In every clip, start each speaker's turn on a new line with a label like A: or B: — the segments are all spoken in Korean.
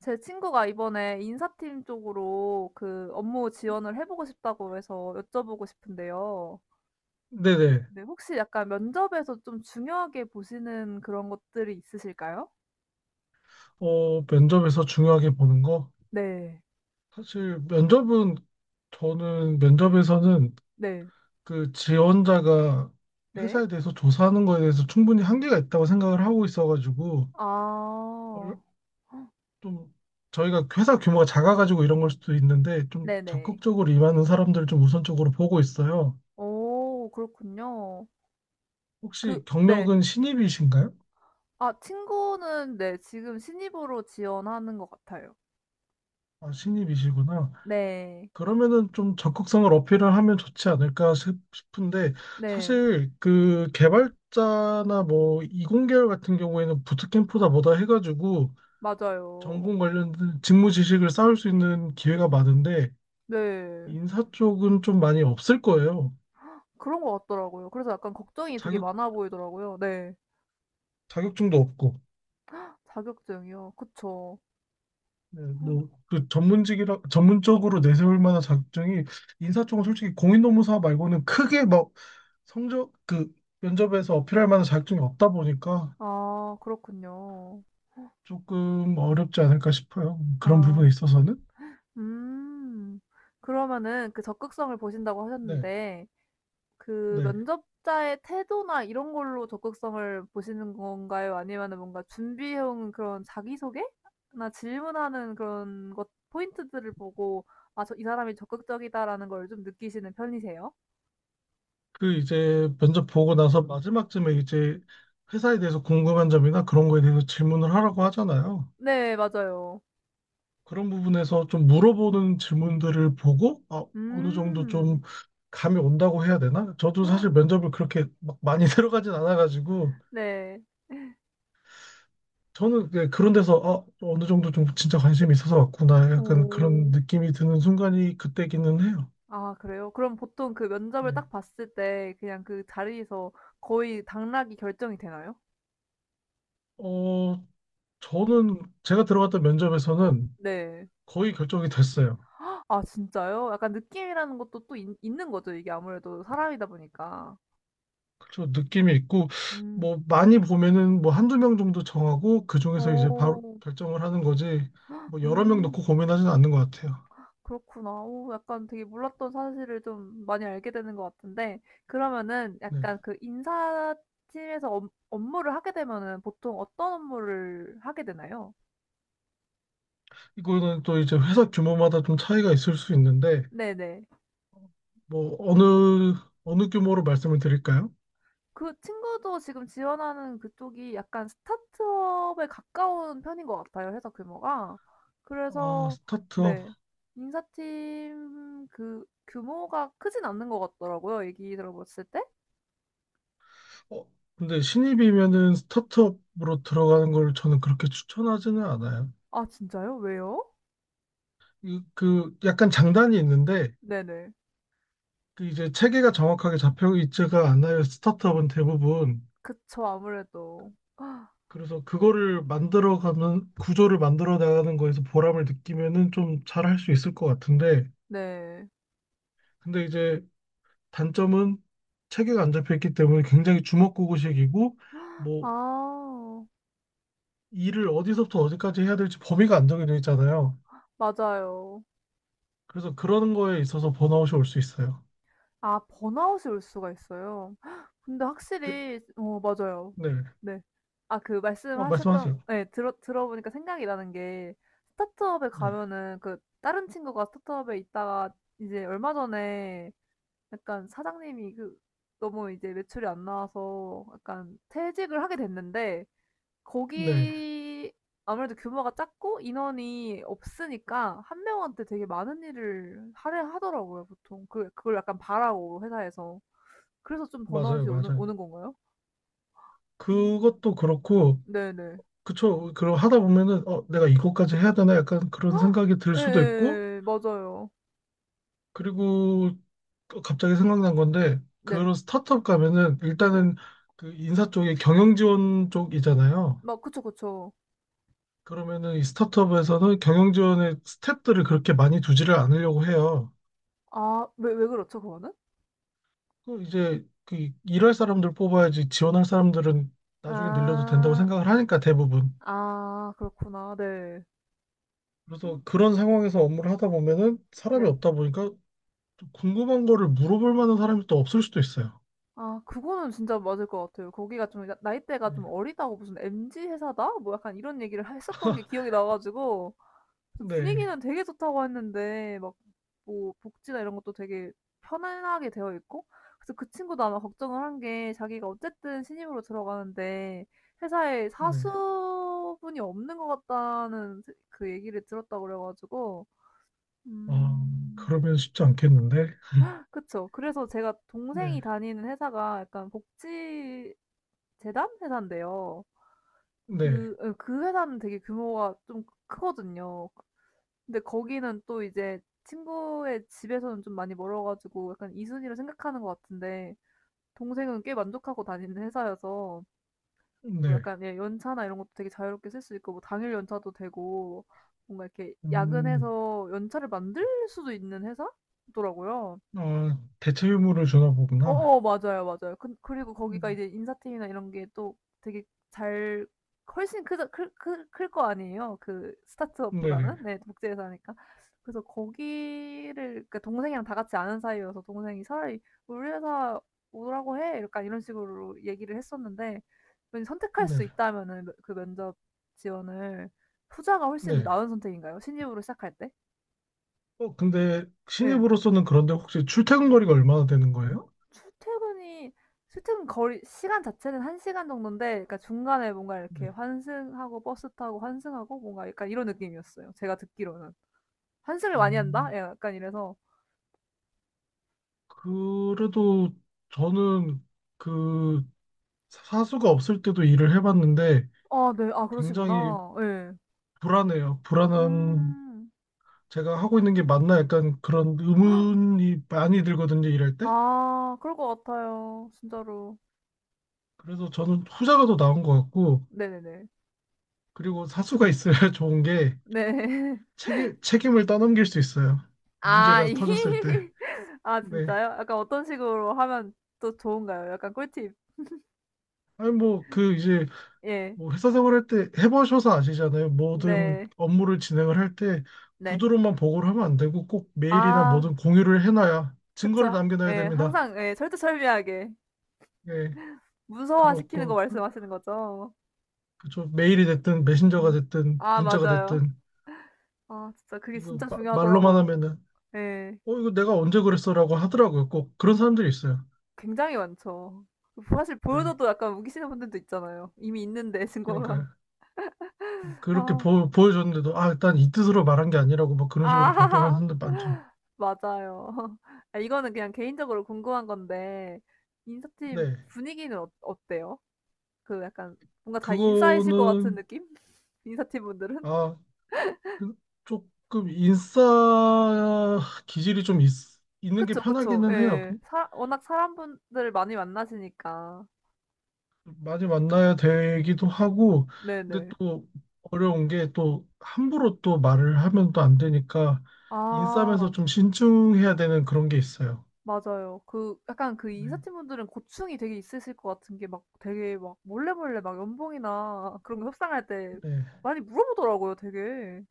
A: 제 친구가 이번에 인사팀 쪽으로 그 업무 지원을 해보고 싶다고 해서 여쭤보고 싶은데요.
B: 네네.
A: 네, 혹시 약간 면접에서 좀 중요하게 보시는 그런 것들이 있으실까요?
B: 면접에서 중요하게 보는 거?
A: 네.
B: 사실 면접은 저는 면접에서는
A: 네.
B: 그 지원자가
A: 네.
B: 회사에 대해서 조사하는 거에 대해서 충분히 한계가 있다고 생각을 하고 있어가지고 얼-
A: 아.
B: 좀 저희가 회사 규모가 작아가지고 이런 걸 수도 있는데 좀
A: 네네.
B: 적극적으로 임하는 사람들을 좀 우선적으로 보고 있어요.
A: 오, 그렇군요. 그
B: 혹시
A: 네.
B: 경력은 신입이신가요?
A: 아, 친구는 네 지금 신입으로 지원하는 것 같아요.
B: 아, 신입이시구나.
A: 네.
B: 그러면은 좀 적극성을 어필을 하면 좋지 않을까 싶은데
A: 네.
B: 사실 그 개발자나 뭐 이공계열 같은 경우에는 부트캠프다 뭐다 해가지고
A: 맞아요.
B: 전공 관련된 직무 지식을 쌓을 수 있는 기회가 많은데
A: 네.
B: 인사 쪽은 좀 많이 없을 거예요.
A: 그런 것 같더라고요. 그래서 약간 걱정이 되게
B: 자격
A: 많아 보이더라고요. 네.
B: 자격증도 없고
A: 자격증이요. 그쵸.
B: 네, 뭐그 전문직이라 전문적으로 내세울 만한 자격증이 인사 쪽은 솔직히 공인노무사 말고는 크게 막 성적 그 면접에서 어필할 만한 자격증이 없다 보니까
A: 아, 그렇군요.
B: 조금 어렵지 않을까 싶어요. 그런 부분에
A: 아.
B: 있어서는.
A: 음. 그러면은 그 적극성을 보신다고
B: 네,
A: 하셨는데 그
B: 네.
A: 면접자의 태도나 이런 걸로 적극성을 보시는 건가요? 아니면은 뭔가 준비해 온 그런 자기소개나 질문하는 그런 것 포인트들을 보고 '아, 저 이 사람이 적극적이다.'라는 걸 좀 느끼시는 편이세요?
B: 그 이제 면접 보고 나서 마지막쯤에 이제 회사에 대해서 궁금한 점이나 그런 거에 대해서 질문을 하라고 하잖아요.
A: 네, 맞아요.
B: 그런 부분에서 좀 물어보는 질문들을 보고, 아, 어느 정도 좀
A: 음.
B: 감이 온다고 해야 되나? 저도 사실 면접을 그렇게 막 많이 들어가진 않아가지고,
A: 네.
B: 저는 그 그런 데서, 아, 어느 정도 좀 진짜 관심이 있어서 왔구나. 약간 그런
A: 오.
B: 느낌이 드는 순간이 그때기는 해요.
A: 아, 그래요? 그럼 보통 그
B: 네.
A: 면접을 딱 봤을 때 그냥 그 자리에서 거의 당락이 결정이 되나요?
B: 어, 저는 제가 들어갔던 면접에서는
A: 네.
B: 거의 결정이 됐어요.
A: 아, 진짜요? 약간 느낌이라는 것도 또 있 있는 거죠, 이게 아무래도 사람이다 보니까.
B: 그래서 느낌이 있고
A: 음.
B: 뭐 많이 보면은 뭐 한두 명 정도 정하고 그 중에서 이제 바로
A: 오.
B: 결정을 하는 거지 뭐 여러 명
A: 음.
B: 놓고 고민하지는 않는 것 같아요.
A: 그렇구나. 오, 약간 되게 몰랐던 사실을 좀 많이 알게 되는 것 같은데, 그러면은
B: 네.
A: 약간 그 인사팀에서 업 업무를 하게 되면은 보통 어떤 업무를 하게 되나요?
B: 이거는 또 이제 회사 규모마다 좀 차이가 있을 수 있는데
A: 네네.
B: 뭐 어느 규모로 말씀을 드릴까요?
A: 그 친구도 지금 지원하는 그쪽이 약간 스타트업에 가까운 편인 것 같아요, 회사 규모가.
B: 아,
A: 그래서
B: 스타트업.
A: 네. 인사팀 그 규모가 크진 않는 것 같더라고요, 얘기 들어봤을 때.
B: 어, 근데 신입이면은 스타트업으로 들어가는 걸 저는 그렇게 추천하지는 않아요.
A: 아, 진짜요? 왜요?
B: 그 약간 장단이 있는데
A: 네네.
B: 그 이제 체계가 정확하게 잡혀 있지가 않아요. 스타트업은 대부분.
A: 그쵸, 아무래도.
B: 그래서 그거를 만들어가는 구조를 만들어 나가는 거에서 보람을 느끼면은 좀 잘할 수 있을 것 같은데,
A: 네.
B: 근데 이제 단점은 체계가 안 잡혀 있기 때문에 굉장히 주먹구구식이고, 뭐
A: 아,
B: 일을 어디서부터 어디까지 해야 될지 범위가 안 정해져 있잖아요.
A: 맞아요.
B: 그래서 그런 거에 있어서 번아웃이 올 수 있어요.
A: 아, 번아웃이 올 수가 있어요. 헉, 근데
B: 네,
A: 확실히 어 맞아요.
B: 네.
A: 네. 아, 그
B: 말씀하세요.
A: 말씀하셨던 예 들어보니까 생각이 나는 게, 스타트업에
B: 네,
A: 가면은, 그 다른 친구가 스타트업에 있다가 이제 얼마 전에 약간 사장님이 그 너무 이제 매출이 안 나와서 약간 퇴직을 하게 됐는데,
B: 네,
A: 거기 아무래도 규모가 작고 인원이 없으니까 한 명한테 되게 많은 일을 하려 하더라고요 보통. 그 그걸 약간 바라고 회사에서. 그래서 좀
B: 맞아요,
A: 번아웃이 오는
B: 맞아요.
A: 오는 건가요? 음.
B: 그것도 그렇고.
A: 네네.
B: 그쵸. 그럼 하다 보면은, 어, 내가 이것까지 해야 되나? 약간 그런 생각이 들 수도 있고,
A: 예예예. 맞아요.
B: 그리고 또 갑자기 생각난 건데,
A: 네.
B: 그런 스타트업 가면은,
A: 예예.
B: 일단은 그 인사 쪽에 경영 지원 쪽이잖아요.
A: 막 그쵸, 그쵸.
B: 그러면은 이 스타트업에서는 경영 지원의 스텝들을 그렇게 많이 두지를 않으려고 해요.
A: 아, 왜 그렇죠 그거는?
B: 그 이제 그 일할 사람들 뽑아야지 지원할 사람들은 나중에 늘려도 된다고
A: 아.
B: 생각을 하니까 대부분.
A: 아, 그렇구나. 네.
B: 그래서 그런 상황에서 업무를 하다 보면은 사람이
A: 네.
B: 없다 보니까 또 궁금한 거를 물어볼 만한 사람이 또 없을 수도 있어요.
A: 아, 그거는 진짜 맞을 것 같아요. 거기가 좀 나 나이대가
B: 네.
A: 좀 어리다고 무슨 "MZ 회사다?" 뭐 약간 이런 얘기를 했었던 게 기억이 나 가지고 그래서
B: 네.
A: 분위기는 되게 좋다고 했는데, 막 뭐 복지나 이런 것도 되게 편안하게 되어 있고, 그래서 그 친구도 아마 걱정을 한 게 자기가 어쨌든 신입으로 들어가는데 회사에
B: 네.
A: 사수분이 없는 것 같다는 그 얘기를 들었다고 그래 가지고
B: 아,
A: 음.
B: 그러면 쉽지 않겠는데?
A: 그쵸. 그래서 제가, 동생이
B: 네.
A: 다니는 회사가 약간 복지 재단 회사인데요.
B: 네.
A: 그 예 그 회사는 되게 규모가 좀 크거든요. 근데 거기는 또 이제 친구의 집에서는 좀 많이 멀어 가지고 약간 이순이로 생각하는 것 같은데, 동생은 꽤 만족하고 다니는 회사여서 뭐
B: 네.
A: 약간 예 연차나 이런 것도 되게 자유롭게 쓸 수 있고, 뭐 당일 연차도 되고 뭔가 이렇게
B: 음,
A: 야근해서 연차를 만들 수도 있는 회사더라고요.
B: 아, 대체 유무를 주나 보구나.
A: 어어 맞아요, 맞아요. 그, 그리고 거기가
B: 음,
A: 이제 인사팀이나 이런 게 또 되게 잘 훨씬 크자 클클클거 아니에요. 그 스타트업보다는.
B: 네네.
A: 네, 국제회사니까. 그래서 거기를 그 동생이랑 다 같이 아는 사이여서 동생이 차라리 "우리 회사 오라고 해." 약간 이런 식으로 얘기를 했었는데, 왠지 선택할 수
B: 네.
A: 있다면은 그 면접 지원을, 후자가 훨씬
B: 네.
A: 나은 선택인가요? 신입으로 시작할 때?
B: 근데
A: 예.
B: 신입으로서는 그런데 혹시 출퇴근 거리가 얼마나 되는 거예요?
A: 출퇴근이 출퇴근 거리 시간 자체는 1시간 시간 정도인데, 그러니까 중간에 뭔가
B: 네.
A: 이렇게 환승하고 버스 타고 환승하고 뭔가 약간 이런 느낌이었어요, 제가 듣기로는. '환승을 많이 한다?'
B: 음,
A: 예 약간 이래서.
B: 그래도 저는 그 사수가 없을 때도 일을 해봤는데
A: 아, 네. 아,
B: 굉장히
A: 그러시구나. 예.
B: 불안해요. 불안한
A: 음.
B: 제가 하고 있는 게 맞나 약간 그런 의문이 많이 들거든요, 일할 때.
A: 아, 그럴 것 같아요, 진짜로.
B: 그래서 저는 후자가 더 나은 것 같고,
A: 네네네.
B: 그리고 사수가 있어야 좋은 게
A: 네.
B: 책임, 책임을 떠넘길 수 있어요.
A: 아
B: 문제가 터졌을 때.
A: 이. 아,
B: 네.
A: 진짜요? 약간 어떤 식으로 하면 또 좋은가요? 약간 꿀팁.
B: 아니, 뭐, 그, 이제,
A: 예.
B: 뭐, 회사 생활할 때 해보셔서 아시잖아요. 모든
A: 네.
B: 업무를 진행을 할 때
A: 네.
B: 구두로만 보고를 하면 안 되고 꼭 메일이나
A: 아.
B: 뭐든 공유를 해놔야 증거를
A: 그쵸.
B: 남겨놔야
A: 예.
B: 됩니다.
A: 항상 예 철두철미하게
B: 예.
A: 문서화시키는 거
B: 그렇고,
A: 말씀하시는 거죠?
B: 그죠. 메일이 됐든 메신저가
A: 음.
B: 됐든
A: 아,
B: 문자가
A: 맞아요.
B: 됐든
A: 아, 진짜 그게
B: 이거
A: 진짜
B: 말로만
A: 중요하더라고요.
B: 하면은
A: 예.
B: 어 이거 내가 언제 그랬어라고 하더라고요. 꼭 그런 사람들이 있어요.
A: 굉장히 많죠. 사실
B: 네.
A: 보여줘도 약간 우기시는 분들도 있잖아요. 이미 있는데 증거가.
B: 그러니까 그렇게
A: 아.
B: 보여줬는데도 아 일단 이 뜻으로 말한 게 아니라고 막 그런 식으로 발뺌하는
A: 아.
B: 사람들 많죠.
A: 맞아요. 아, 이거는 그냥 개인적으로 궁금한 건데 인사팀
B: 네.
A: 분위기는 어 어때요? 그 약간 뭔가 다 인싸이실 것 같은
B: 그거는
A: 느낌? 인사팀 분들은?
B: 아그 조금 인싸 기질이 있는 게
A: 그쵸, 그쵸.
B: 편하기는 해요.
A: 예. 사 워낙 사람분들을 많이 만나시니까.
B: 많이 만나야 되기도 하고, 근데
A: 네네.
B: 또 어려운 게 또 함부로 또 말을 하면 또 안 되니까 인싸면서
A: 아,
B: 좀 신중해야 되는 그런 게 있어요.
A: 맞아요. 그 약간 그
B: 네,
A: 인사팀분들은 고충이 되게 있으실 것 같은 게 막 되게 막 몰래몰래 막 연봉이나 그런 거 협상할 때
B: 네.
A: 많이 물어보더라고요 되게.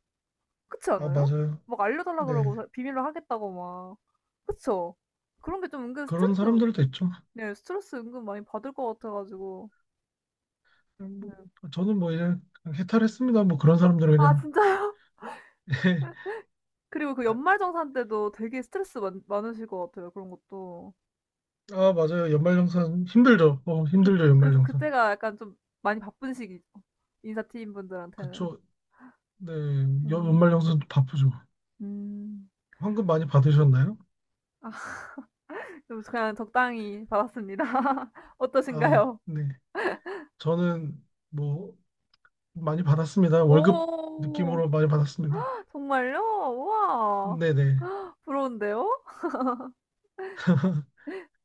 A: 그렇지
B: 아,
A: 않아요?
B: 맞아요.
A: 막 알려달라
B: 네,
A: 그러고 사 비밀로 하겠다고 막. 그쵸? 그런 게 좀 은근
B: 그런
A: 스트레스.
B: 사람들도 있죠.
A: 네, 스트레스 은근 많이 받을 것 같아 가지고.
B: 그냥
A: 네.
B: 뭐, 저는 뭐 이제 그냥 해탈했습니다. 뭐 그런 사람들은
A: 아,
B: 그냥.
A: 진짜요? 그리고 그 연말정산 때도 되게 스트레스 많 많으실 것 같아요 그런 것도.
B: 아, 맞아요. 연말정산 힘들죠.
A: 그
B: 힘들죠.
A: 그
B: 연말정산.
A: 그때가 약간 좀 많이 바쁜 시기죠 인사팀 분들한테는.
B: 그쵸. 네,
A: 음.
B: 연말정산 바쁘죠.
A: 음.
B: 환급 많이 받으셨나요?
A: 아, 좀 그냥 적당히 받았습니다.
B: 아,
A: 어떠신가요?
B: 네. 저는 뭐 많이 받았습니다. 월급
A: 오.
B: 느낌으로 많이 받았습니다.
A: 정말요? 우와,
B: 네네.
A: 부러운데요?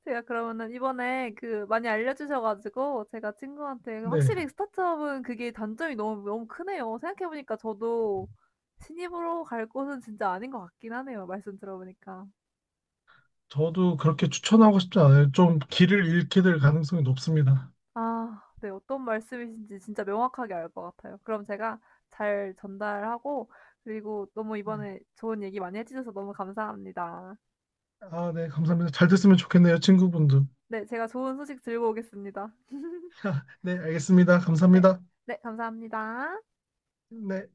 A: 제가 그러면은 이번에 그 많이 알려주셔 가지고, 제가 친구한테
B: 네.
A: 확실히 스타트업은 그게 단점이 너무 너무 크네요. 생각해 보니까 저도 신입으로 갈 곳은 진짜 아닌 것 같긴 하네요, 말씀 들어 보니까.
B: 저도 그렇게 추천하고 싶지 않아요. 좀 길을 잃게 될 가능성이 높습니다.
A: 아, 네. 어떤 말씀이신지 진짜 명확하게 알 것 같아요. 그럼 제가 잘 전달하고, 그리고 너무
B: 네.
A: 이번에 좋은 얘기 많이 해 주셔서 너무 감사합니다.
B: 아, 네. 감사합니다. 잘 됐으면 좋겠네요, 친구분도.
A: 네. 제가 좋은 소식 들고 오겠습니다.
B: 네, 알겠습니다.
A: 네.
B: 감사합니다.
A: 네. 감사합니다.
B: 네.